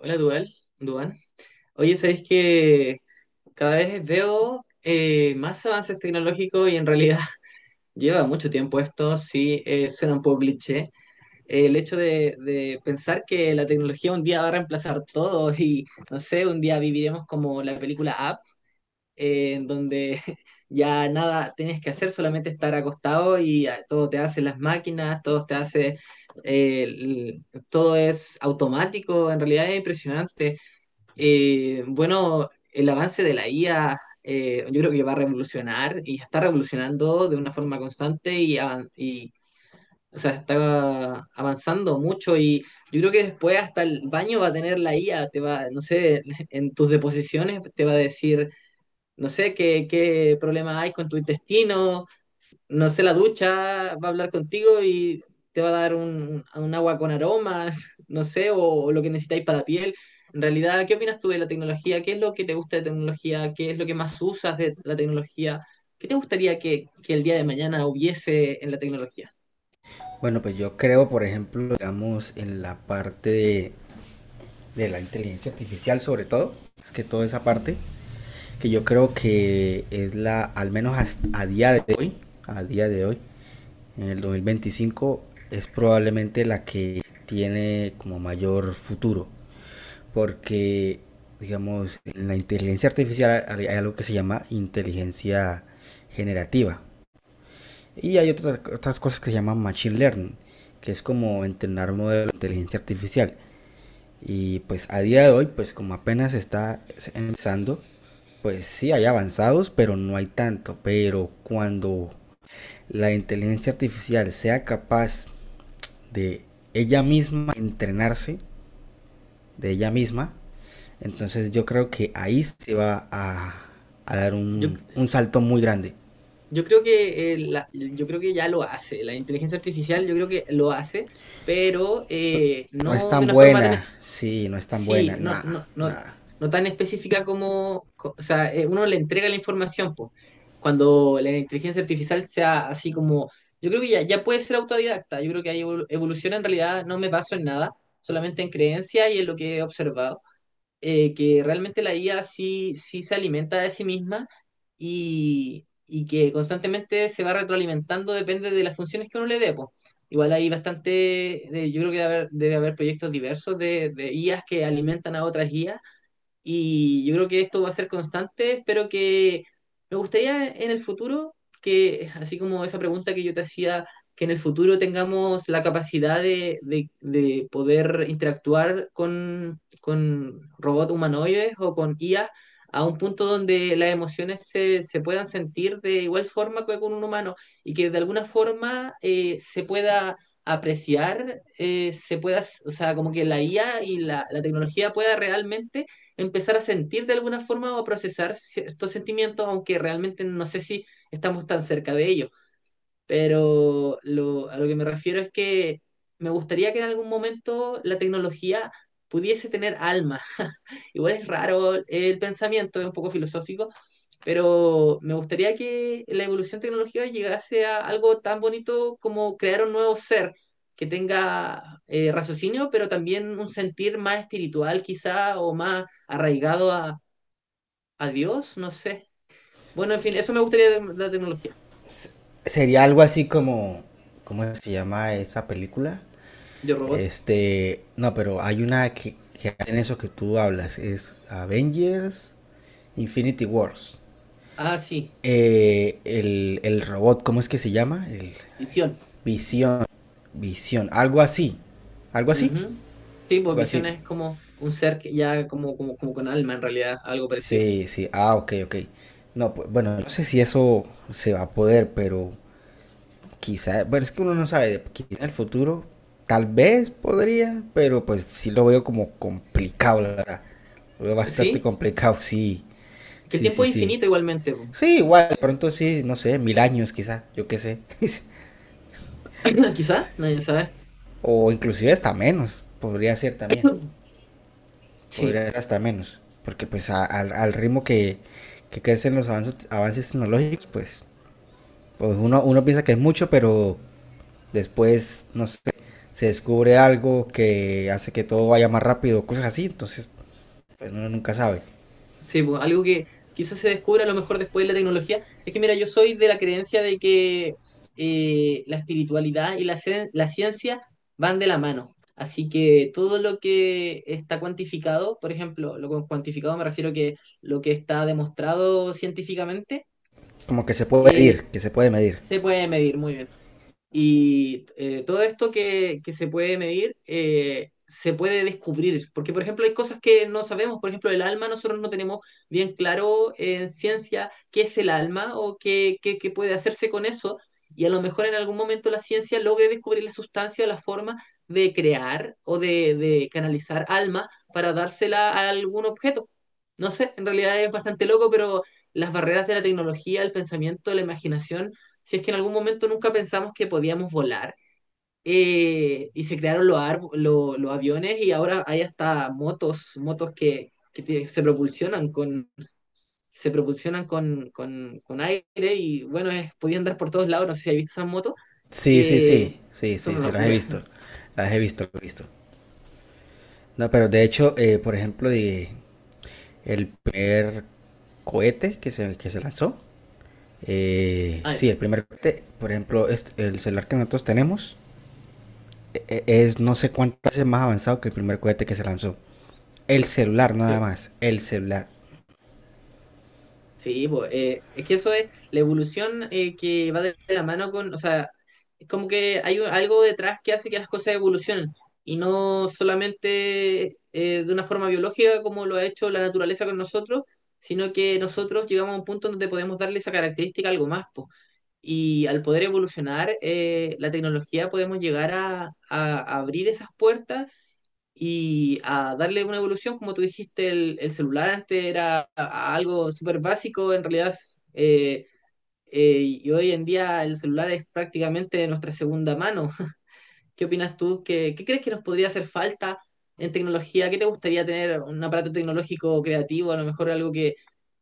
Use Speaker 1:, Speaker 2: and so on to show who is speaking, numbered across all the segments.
Speaker 1: Hola, Dual, Duan. Oye, ¿sabes que cada vez veo más avances tecnológicos y en realidad lleva mucho tiempo esto, sí, suena un poco cliché. El hecho de pensar que la tecnología un día va a reemplazar todo y, no sé, un día viviremos como la película Up, en donde ya nada tienes que hacer, solamente estar acostado y ah, todo te hace las máquinas, todo te hace, eh, el- todo es automático, en realidad es impresionante. Bueno, el avance de la IA yo creo que va a revolucionar y está revolucionando de una forma constante y o sea, está avanzando mucho y yo creo que después hasta el baño va a tener la IA, te va, no sé, en tus deposiciones te va a decir, no sé, qué problema hay con tu intestino, no sé, la ducha va a hablar contigo y te va a dar un agua con aroma, no sé, o lo que necesitáis para la piel. En realidad, ¿qué opinas tú de la tecnología? ¿Qué es lo que te gusta de tecnología? ¿Qué es lo que más usas de la tecnología? ¿Qué te gustaría que el día de mañana hubiese en la tecnología?
Speaker 2: Bueno, pues yo creo, por ejemplo, digamos, en la parte de la inteligencia artificial sobre todo, es que toda esa parte, que yo creo que es la, al menos a día de hoy, a día de hoy, en el 2025, es probablemente la que tiene como mayor futuro, porque, digamos, en la inteligencia artificial hay algo que se llama inteligencia generativa, y hay otras, otras cosas que se llaman Machine Learning, que es como entrenar modelos de inteligencia artificial. Y pues a día de hoy, pues como apenas está empezando, pues sí hay avanzados, pero no hay tanto. Pero cuando la inteligencia artificial sea capaz de ella misma entrenarse, de ella misma, entonces yo creo que ahí se va a dar
Speaker 1: Yo,
Speaker 2: un, salto muy grande.
Speaker 1: yo creo que, yo creo que ya lo hace. La inteligencia artificial yo creo que lo hace, pero
Speaker 2: No es
Speaker 1: no de
Speaker 2: tan
Speaker 1: una forma tan
Speaker 2: buena, sí, no es tan buena,
Speaker 1: sí, no,
Speaker 2: nada,
Speaker 1: no, no,
Speaker 2: nada.
Speaker 1: no tan específica o sea, uno le entrega la información, pues. Cuando la inteligencia artificial sea así como, yo creo que ya, ya puede ser autodidacta, yo creo que ahí evoluciona en realidad, no me baso en nada, solamente en creencia y en lo que he observado que realmente la IA sí, sí se alimenta de sí misma y que constantemente se va retroalimentando, depende de las funciones que uno le dé, po. Igual hay bastante, yo creo que debe haber proyectos diversos de IAs que alimentan a otras IAs y yo creo que esto va a ser constante. Espero que me gustaría en el futuro que, así como esa pregunta que yo te hacía, que en el futuro tengamos la capacidad de poder interactuar con robots humanoides o con IA a un punto donde las emociones se puedan sentir de igual forma que con un humano y que de alguna forma se pueda apreciar, se pueda, o sea, como que la IA y la tecnología pueda realmente empezar a sentir de alguna forma o a procesar estos sentimientos, aunque realmente no sé si estamos tan cerca de ellos. Pero lo, a lo que me refiero es que me gustaría que en algún momento la tecnología pudiese tener alma. Igual es raro el pensamiento, es un poco filosófico, pero me gustaría que la evolución tecnológica llegase a algo tan bonito como crear un nuevo ser que tenga raciocinio, pero también un sentir más espiritual quizá o más arraigado a Dios, no sé. Bueno, en fin, eso me gustaría de la tecnología.
Speaker 2: Sería algo así como, ¿cómo se llama esa película?
Speaker 1: Yo robot.
Speaker 2: Este, no, pero hay una que hacen eso que tú hablas, es Avengers Infinity Wars.
Speaker 1: Ah, sí,
Speaker 2: El robot, ¿cómo es que se llama? El
Speaker 1: visión.
Speaker 2: Visión, Visión, algo así, algo así,
Speaker 1: Ujú. Sí, pues
Speaker 2: algo así.
Speaker 1: visión es como un ser que ya como, como, como con alma en realidad, algo parecido.
Speaker 2: Sí, sí, ah, ok, ok. No, pues, bueno, no sé si eso se va a poder, pero quizá, bueno, es que uno no sabe, quizá en el futuro tal vez podría, pero pues sí lo veo como complicado, la verdad. Lo veo bastante
Speaker 1: Sí,
Speaker 2: complicado, sí,
Speaker 1: que el
Speaker 2: sí,
Speaker 1: tiempo
Speaker 2: sí,
Speaker 1: es
Speaker 2: sí.
Speaker 1: infinito igualmente, po.
Speaker 2: Sí, igual, de pronto sí, no sé, 1000 años quizá, yo qué sé.
Speaker 1: Quizá, nadie sabe.
Speaker 2: O inclusive hasta menos, podría ser también, podría
Speaker 1: Sí.
Speaker 2: ser hasta menos. Porque pues al, al ritmo que crecen los avances, avances tecnológicos, pues, pues uno, uno piensa que es mucho, pero después, no sé, se descubre algo que hace que todo vaya más rápido, cosas así, entonces pues uno nunca sabe.
Speaker 1: Sí, pues, algo que quizás se descubra a lo mejor después de la tecnología. Es que, mira, yo soy de la creencia de que la espiritualidad y la, la ciencia van de la mano. Así que todo lo que está cuantificado, por ejemplo, lo con cuantificado me refiero que lo que está demostrado científicamente,
Speaker 2: Como que se puede medir,
Speaker 1: eh,
Speaker 2: que se puede medir.
Speaker 1: se puede medir muy bien. Y todo esto que se puede medir se puede descubrir, porque por ejemplo hay cosas que no sabemos, por ejemplo el alma, nosotros no tenemos bien claro en ciencia qué es el alma o qué, qué puede hacerse con eso, y a lo mejor en algún momento la ciencia logre descubrir la sustancia o la forma de crear o de canalizar alma para dársela a algún objeto. No sé, en realidad es bastante loco, pero las barreras de la tecnología, el pensamiento, la imaginación si es que en algún momento nunca pensamos que podíamos volar. Y se crearon los, los aviones y ahora hay hasta motos, motos que se propulsionan con, se propulsionan con aire y bueno, es, podía andar por todos lados, no sé si has visto esas motos,
Speaker 2: Sí, sí, sí,
Speaker 1: que
Speaker 2: sí,
Speaker 1: son
Speaker 2: sí,
Speaker 1: una
Speaker 2: sí, las he
Speaker 1: locura.
Speaker 2: visto, las he visto, las he visto. No, pero de hecho, por ejemplo, el primer cohete que se lanzó,
Speaker 1: Ay,
Speaker 2: sí, el primer cohete, por ejemplo, el celular que nosotros tenemos es no sé cuántas veces más avanzado que el primer cohete que se lanzó. El celular nada
Speaker 1: sí.
Speaker 2: más, el celular.
Speaker 1: Sí, pues, es que eso es la evolución que va de la mano con, o sea, es como que hay algo detrás que hace que las cosas evolucionen y no solamente de una forma biológica como lo ha hecho la naturaleza con nosotros, sino que nosotros llegamos a un punto donde podemos darle esa característica a algo más, po. Y al poder evolucionar la tecnología podemos llegar a abrir esas puertas y a darle una evolución, como tú dijiste, el celular antes era a algo súper básico, en realidad, eh, y hoy en día el celular es prácticamente nuestra segunda mano. ¿Qué opinas tú? ¿Qué, qué crees que nos podría hacer falta en tecnología? ¿Qué te gustaría tener? ¿Un aparato tecnológico creativo? A lo mejor algo que,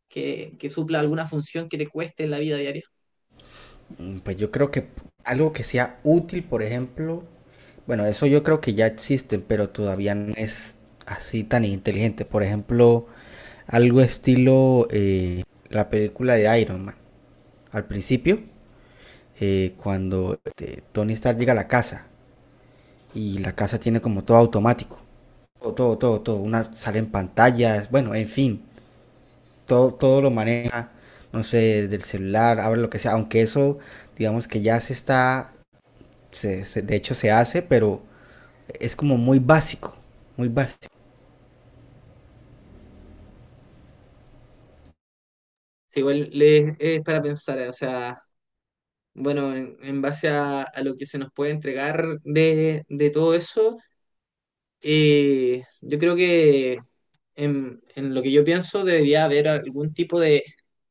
Speaker 1: que, que supla alguna función que te cueste en la vida diaria.
Speaker 2: Pues yo creo que algo que sea útil, por ejemplo, bueno, eso yo creo que ya existen, pero todavía no es así tan inteligente. Por ejemplo, algo estilo la película de Iron Man. Al principio, cuando este, Tony Stark llega a la casa y la casa tiene como todo automático. Todo, todo, todo, todo. Una sale en pantallas, bueno, en fin, todo, todo lo maneja, no sé, del celular, abre lo que sea. Aunque eso, digamos que ya se está de hecho se hace, pero es como muy básico, muy básico.
Speaker 1: Sí, igual es para pensar, o sea, bueno, en base a lo que se nos puede entregar de todo eso. Yo creo que en lo que yo pienso debería haber algún tipo de,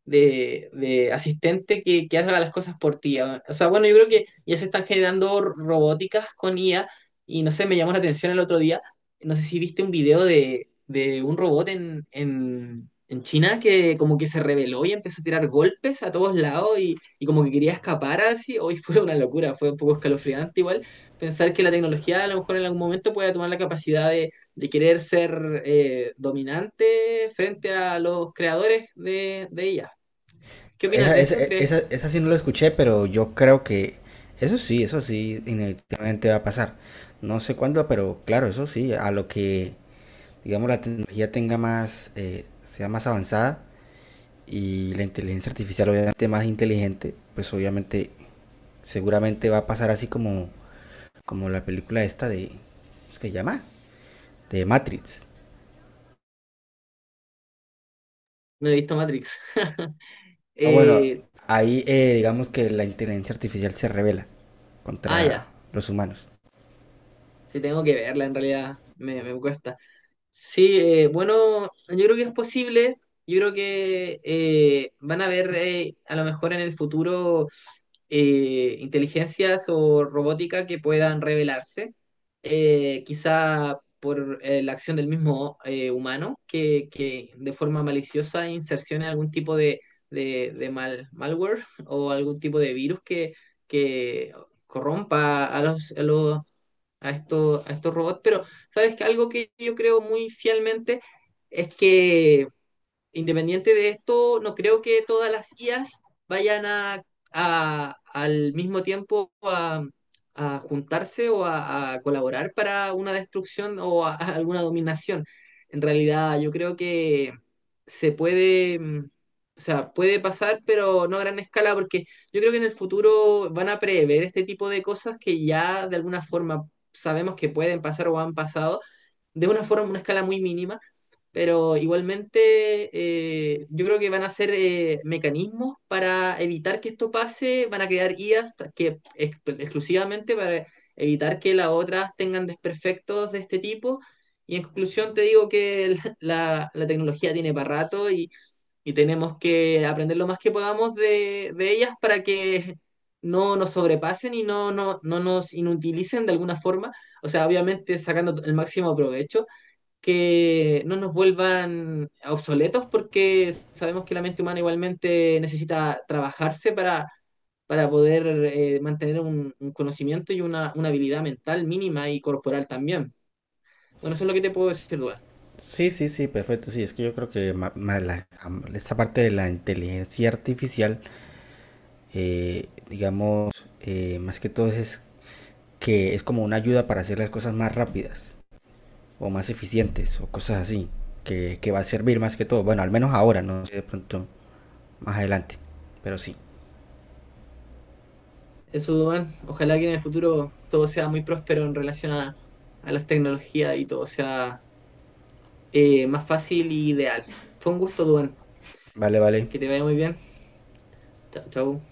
Speaker 1: de, de asistente que haga las cosas por ti. Ah, o sea, bueno, yo creo que ya se están generando robóticas con IA y no sé, me llamó la atención el otro día, no sé si viste un video de un robot en China que como que se rebeló y empezó a tirar golpes a todos lados y como que quería escapar así. Hoy fue una locura, fue un poco escalofriante igual pensar que la tecnología a lo mejor en algún momento pueda tomar la capacidad de querer ser dominante frente a los creadores de ella. ¿Qué opinas
Speaker 2: Esa,
Speaker 1: de
Speaker 2: esa,
Speaker 1: eso, crees?
Speaker 2: esa, esa sí no lo escuché, pero yo creo que eso sí, inevitablemente va a pasar. No sé cuándo, pero claro, eso sí, a lo que, digamos, la tecnología tenga más, sea más avanzada y la inteligencia artificial obviamente más inteligente, pues obviamente, seguramente va a pasar así como, como la película esta de, ¿cómo se llama? De Matrix.
Speaker 1: No he visto Matrix.
Speaker 2: Ah, bueno,
Speaker 1: Eh,
Speaker 2: ahí digamos que la inteligencia artificial se revela
Speaker 1: ah,
Speaker 2: contra
Speaker 1: ya,
Speaker 2: los humanos.
Speaker 1: sí tengo que verla en realidad, me cuesta. Sí, bueno, yo creo que es posible. Yo creo que van a haber a lo mejor en el futuro inteligencias o robótica que puedan revelarse, quizá por la acción del mismo humano, que de forma maliciosa insercione algún tipo de mal, malware o algún tipo de virus que corrompa a los a estos robots, pero sabes que algo que yo creo muy fielmente es que independiente de esto, no creo que todas las IAs vayan al mismo tiempo a juntarse o a colaborar para una destrucción o a alguna dominación. En realidad, yo creo que se puede, mm, o sea, puede pasar, pero no a gran escala, porque yo creo que en el futuro van a prever este tipo de cosas que ya de alguna forma sabemos que pueden pasar o han pasado, de una forma, una escala muy mínima pero igualmente yo creo que van a ser mecanismos para evitar que esto pase, van a crear IAs exclusivamente para evitar que las otras tengan desperfectos de este tipo. Y en conclusión te digo que la tecnología tiene para rato y tenemos que aprender lo más que podamos de ellas para que no nos sobrepasen y no, no, no nos inutilicen de alguna forma. O sea, obviamente sacando el máximo provecho que no nos vuelvan obsoletos porque sabemos que la mente humana igualmente necesita trabajarse para poder mantener un conocimiento y una habilidad mental mínima y corporal también. Bueno, eso
Speaker 2: S-
Speaker 1: es lo que te puedo decir, Duan.
Speaker 2: Sí, sí, sí, perfecto. Sí, es que yo creo que esta parte de la inteligencia artificial, digamos, más que todo es que es como una ayuda para hacer las cosas más rápidas o más eficientes o cosas así, que va a servir más que todo. Bueno, al menos ahora, no sé de pronto más adelante, pero sí.
Speaker 1: Eso, Duan, ojalá que en el futuro todo sea muy próspero en relación a las tecnologías y todo sea más fácil y ideal. Fue un gusto, Duan.
Speaker 2: Vale, vale.
Speaker 1: Que te vaya muy bien. Chao, chao.